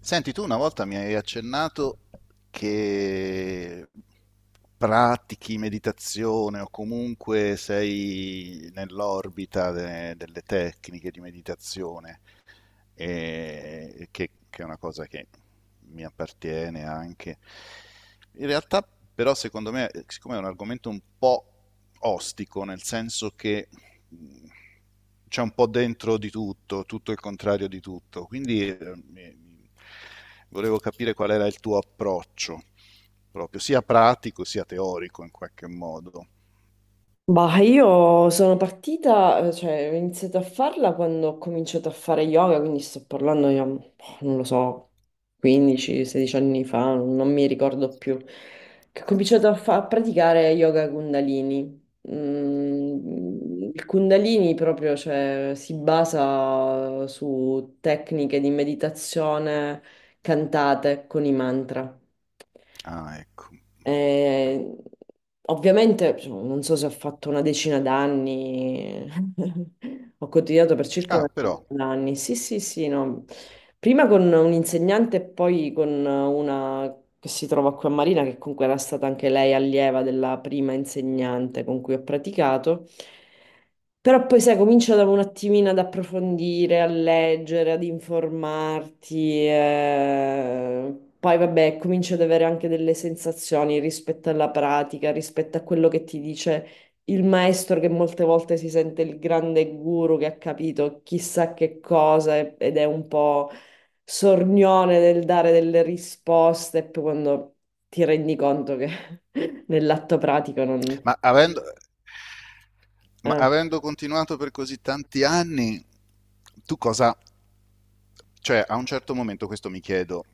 Senti, tu una volta mi hai accennato che pratichi meditazione o comunque sei nell'orbita delle tecniche di meditazione e che è una cosa che mi appartiene anche. In realtà, però, secondo me, siccome è un argomento un po' ostico, nel senso che mh, c'è un po' dentro di tutto, tutto il contrario di tutto, quindi mi- mi- volevo capire qual era il tuo approccio, proprio sia pratico sia teorico in qualche modo. Bah, io sono partita, cioè ho iniziato a farla quando ho cominciato a fare yoga, quindi sto parlando, io, boh, non lo so, 15-16 anni fa, non mi ricordo più, che ho cominciato a, a praticare yoga Kundalini. Mm, il Kundalini proprio, cioè, si basa su tecniche di meditazione cantate con i mantra. Ah, ecco. Eh, ovviamente, insomma, non so se ho fatto una decina d'anni, ho continuato per circa una Ah, però. decina d'anni. Sì, sì, sì, no. Prima con un insegnante e poi con una che si trova qui a Marina, che comunque era stata anche lei allieva della prima insegnante con cui ho praticato. Però poi sai, comincia da un attimino ad approfondire, a leggere, ad informarti, poi vabbè, cominci ad avere anche delle sensazioni rispetto alla pratica, rispetto a quello che ti dice il maestro che molte volte si sente il grande guru che ha capito chissà che cosa ed è un po' sornione nel dare delle risposte, poi quando ti rendi conto che nell'atto pratico non... Ma avendo, ma eh, avendo continuato per così tanti anni, tu cosa... Cioè, a un certo momento questo mi chiedo,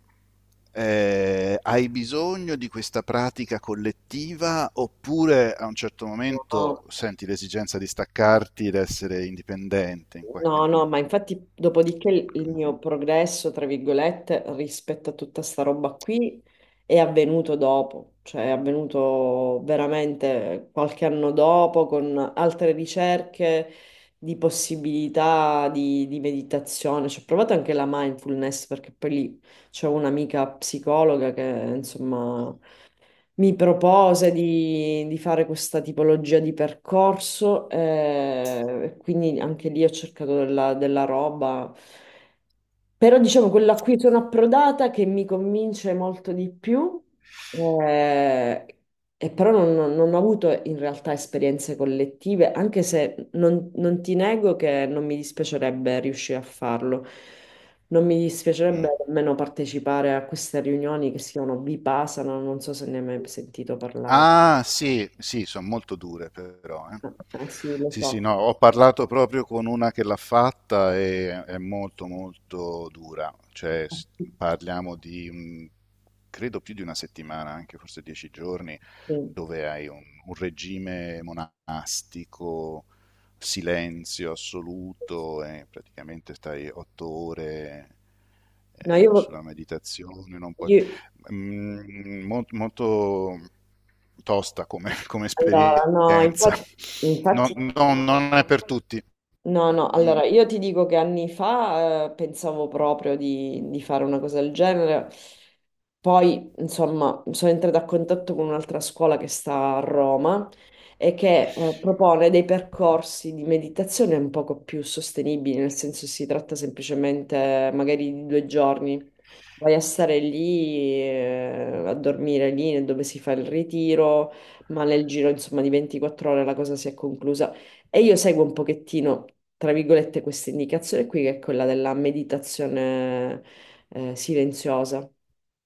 hai bisogno di questa pratica collettiva oppure a un certo momento no. senti l'esigenza di staccarti ed essere indipendente in qualche... No, no, ma infatti dopodiché il mio progresso, tra virgolette, rispetto a tutta sta roba qui è avvenuto dopo, cioè è avvenuto veramente qualche anno dopo con altre ricerche di possibilità di meditazione. Ci ho provato anche la mindfulness perché poi lì c'è un'amica psicologa che insomma mi propose di fare questa tipologia di percorso, quindi anche lì ho cercato della, della roba. Però diciamo quella a cui sono approdata che mi convince molto di più, eh, e però non ho avuto in realtà esperienze collettive, anche se non ti nego che non mi dispiacerebbe riuscire a farlo. Non mi dispiacerebbe Mm. nemmeno partecipare a queste riunioni che si chiamano Vipassana, non so se ne hai mai sentito parlare. Ah, sì, sì, sono molto dure però, eh. Eh sì, lo Sì, sì, so. no, ho parlato proprio con una che l'ha fatta e è molto molto dura, cioè parliamo di, credo più di una settimana, anche forse 10 giorni, Sì. dove hai un regime monastico, silenzio assoluto e praticamente stai 8 ore No, io, sulla meditazione, non puoi... io- molto tosta come come allora, no, esperienza. infatti, Non infatti. non non è per tutti. No, no, Mh, allora io ti dico che anni fa pensavo proprio di fare una cosa del genere, poi insomma sono entrata a contatto con un'altra scuola che sta a Roma e che propone dei percorsi di meditazione un poco più sostenibili, nel senso si tratta semplicemente magari di due giorni. Vai a stare lì, a dormire lì dove si fa il ritiro, ma nel giro, insomma, di 24 ore la cosa si è conclusa. E io seguo un pochettino, tra virgolette, questa indicazione qui, che è quella della meditazione, silenziosa,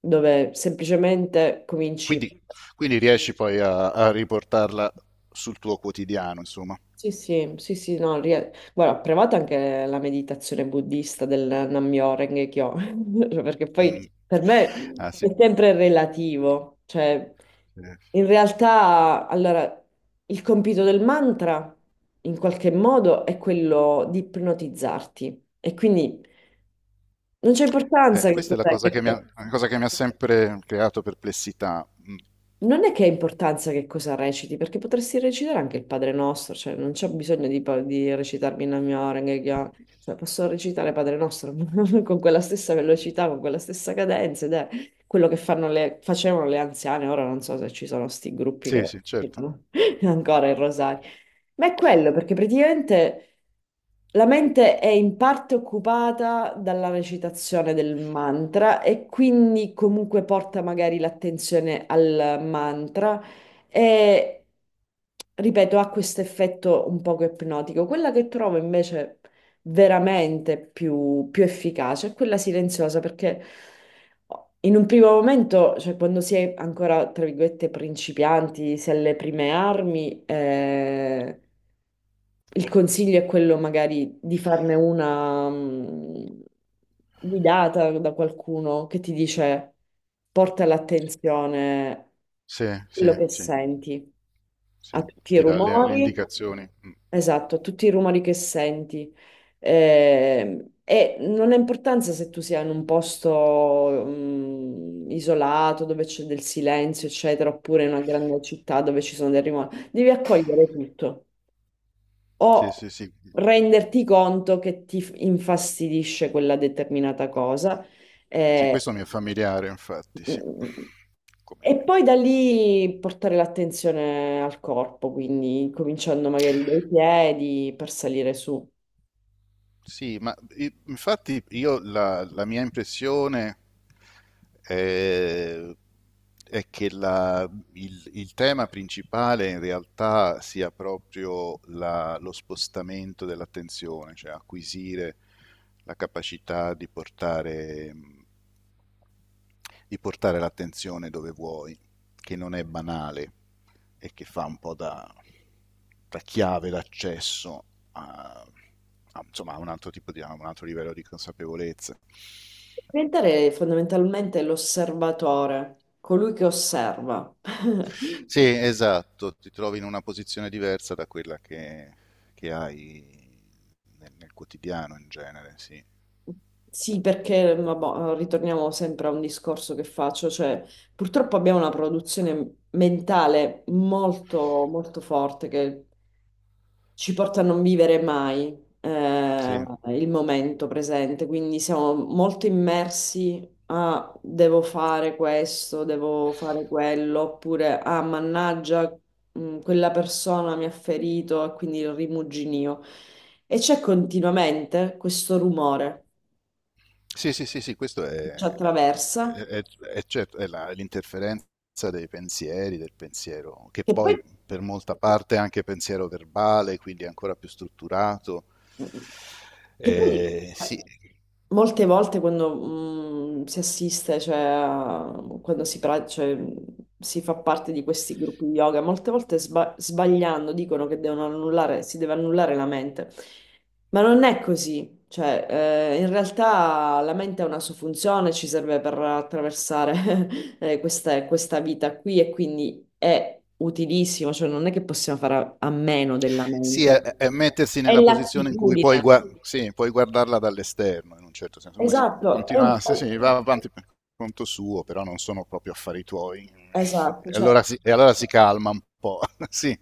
dove semplicemente cominci. quindi quindi riesci poi a riportarla sul tuo quotidiano, insomma. Sì, sì, sì, sì, no, guarda, ho provato anche la meditazione buddista del Nammyoho Kyo, cioè, perché poi Mh. per Ah me è sì, sempre relativo, cioè eh. in realtà, allora, il compito del mantra in qualche modo è quello di ipnotizzarti e quindi non c'è importanza che Questa è cos'è. La cosa che mi ha sempre creato perplessità. Mh. Non è che ha importanza che cosa reciti, perché potresti recitare anche il Padre Nostro, cioè non c'è bisogno di, di recitarmi in mia Orenge, cioè posso recitare Padre Nostro con quella stessa velocità, con quella stessa cadenza, ed è quello che fanno facevano le anziane, ora non so se ci sono sti gruppi Sì, che sì, certo. recitano ancora il rosario, ma è quello, perché praticamente la mente è in parte occupata dalla recitazione del mantra e quindi comunque porta magari l'attenzione al mantra e, ripeto, ha questo effetto un poco ipnotico. Quella che trovo invece veramente più, più efficace è quella silenziosa, perché in un primo momento, cioè quando si è ancora, tra virgolette, principianti, si è alle prime armi, il consiglio è quello magari di farne una guidata da qualcuno che ti dice porta l'attenzione a Sì, quello sì, che sì, senti, sì, a che tutti i ti dà le rumori. indicazioni. Mh. Esatto, tutti i rumori che senti. E non ha importanza se tu sia in un posto mm, isolato dove c'è del silenzio, eccetera, oppure in una grande città dove ci sono dei rumori. Devi accogliere tutto Sì, o sì, sì. renderti conto che ti infastidisce quella determinata cosa. Sì, eh, questo mi è familiare infatti, sì. mm, Come... E poi da lì portare l'attenzione al corpo, quindi cominciando magari dai piedi per salire su. Sì, ma infatti io la mia impressione è, è che il tema principale in realtà sia proprio lo spostamento dell'attenzione, cioè acquisire la capacità di portare l'attenzione dove vuoi, che non è banale e che fa un po' da, chiave d'accesso a, a, insomma, a un altro tipo di, a un altro livello di consapevolezza. Diventare fondamentalmente l'osservatore, colui che osserva. Sì, esatto, ti trovi in una posizione diversa da quella che hai nel quotidiano in genere, sì. Sì, perché vabbò, ritorniamo sempre a un discorso che faccio, cioè purtroppo abbiamo una produzione mentale molto, molto forte che ci porta a non vivere mai Sì, il momento presente, quindi siamo molto immersi a devo fare questo, devo fare quello, oppure ah, mannaggia, quella persona mi ha ferito e quindi il rimuginio. E c'è continuamente questo rumore sì, sì, sì, sì, questo ci attraversa, è- è certo, è è l'interferenza dei pensieri, del pensiero, che che poi poi, per molta parte è anche pensiero verbale, quindi è ancora più strutturato. che poi sì. molte volte quando si assiste, cioè, quando si, cioè, si fa parte di questi gruppi di yoga, molte volte sbagliando dicono che devono annullare, si deve annullare la mente, ma non è così. Cioè, in realtà la mente ha una sua funzione, ci serve per attraversare questa vita qui e quindi è utilissimo, cioè non è che possiamo fare a meno della Sì, è, mente. è mettersi È nella posizione in cui puoi, l'attitudine. Sì, puoi guardarla dall'esterno, in un certo senso, come se Esatto, è un continuasse, sì, po' sì, va avanti per conto suo, però non sono proprio affari tuoi. esatto, E cioè allora si, e allora si calma un po', sì,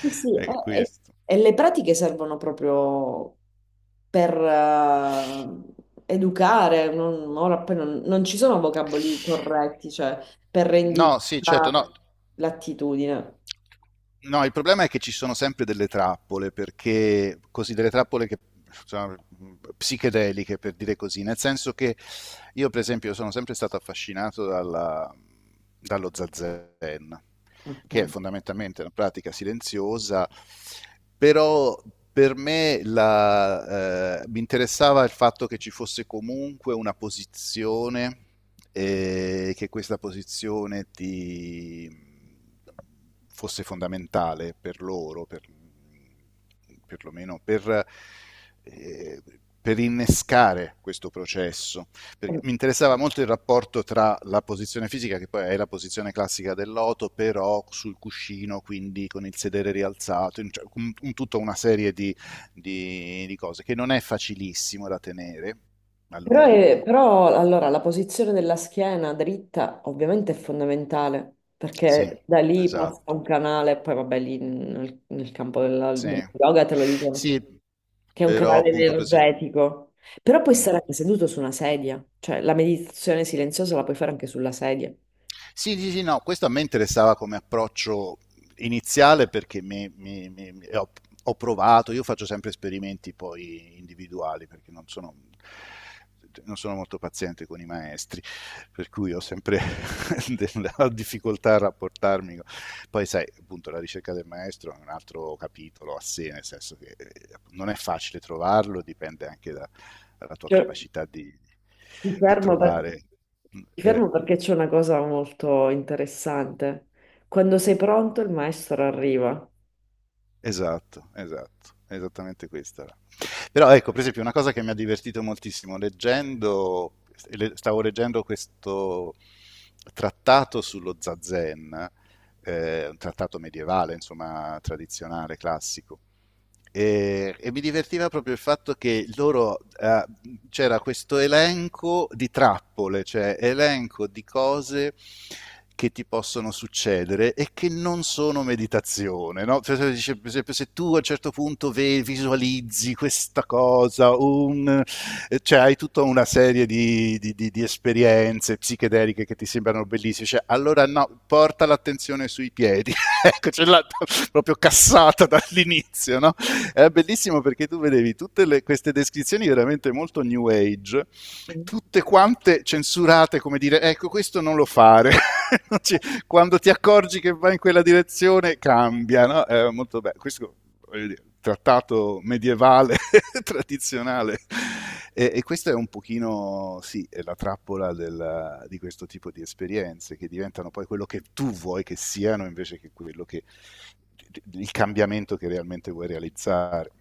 sì, sì, è e- questo. e le pratiche servono proprio per educare, non, ora poi non ci sono vocaboli corretti, cioè per rendire No, sì, certo, no. l'attitudine. No, il problema è che ci sono sempre delle trappole, perché così delle trappole che insomma, psichedeliche, per dire così, nel senso che io, per esempio, sono sempre stato affascinato dallo zazen, che è Ok. fondamentalmente una pratica silenziosa, però per me mi interessava il fatto che ci fosse comunque una posizione e che questa posizione ti fosse fondamentale per loro, perlomeno eh, per innescare questo processo. Perché Eh, mi interessava molto il rapporto tra la posizione fisica, che poi è la posizione classica dell'oto, però sul cuscino, quindi con il sedere rialzato, cioè, tutta una serie di cose che non è facilissimo da tenere a però, lungo. Però, allora la posizione della schiena dritta ovviamente è fondamentale Sì, perché da lì passa esatto. un canale, poi vabbè lì nel campo della, Sì, del yoga te lo dicono sì, che è un però canale appunto, per esempio... energetico. Però puoi Mm. stare anche seduto su una sedia, cioè la meditazione silenziosa la puoi fare anche sulla sedia. Sì, sì, sì, no, questo a me interessava come approccio iniziale perché ho provato, io faccio sempre esperimenti poi individuali perché non sono molto paziente con i maestri, per cui ho sempre della difficoltà a rapportarmi Poi sai, appunto, la ricerca del maestro è un altro capitolo a sé, nel senso che non è facile trovarlo, dipende anche dalla tua Cioè, capacità di, mi di fermo per- trovare. mi Eh, fermo perché c'è una cosa molto interessante. Quando sei pronto, il maestro arriva. Esatto, esatto, esattamente questa era. Però ecco, per esempio, una cosa che mi ha divertito moltissimo leggendo, stavo leggendo questo trattato sullo zazen, un trattato medievale, insomma, tradizionale, classico, e mi divertiva proprio il fatto che loro c'era questo elenco di trappole, cioè elenco di cose che ti possono succedere e che non sono meditazione, no? Per esempio, se tu a un certo punto visualizzi questa cosa, cioè hai tutta una serie di esperienze psichedeliche che ti sembrano bellissime, cioè, allora no, porta l'attenzione sui piedi, ecco, ce l'ha proprio cassata dall'inizio, no? Era bellissimo perché tu vedevi tutte queste descrizioni veramente molto new age, tutte quante censurate, come dire, ecco questo non lo fare. Non ci- Quando ti accorgi che va in quella direzione, cambia, no? È molto bello. Questo, voglio dire, trattato medievale, tradizionale. E questa è un pochino, sì, è la trappola di questo tipo di esperienze che diventano poi quello che tu vuoi che siano invece che quello che il cambiamento che realmente vuoi realizzare.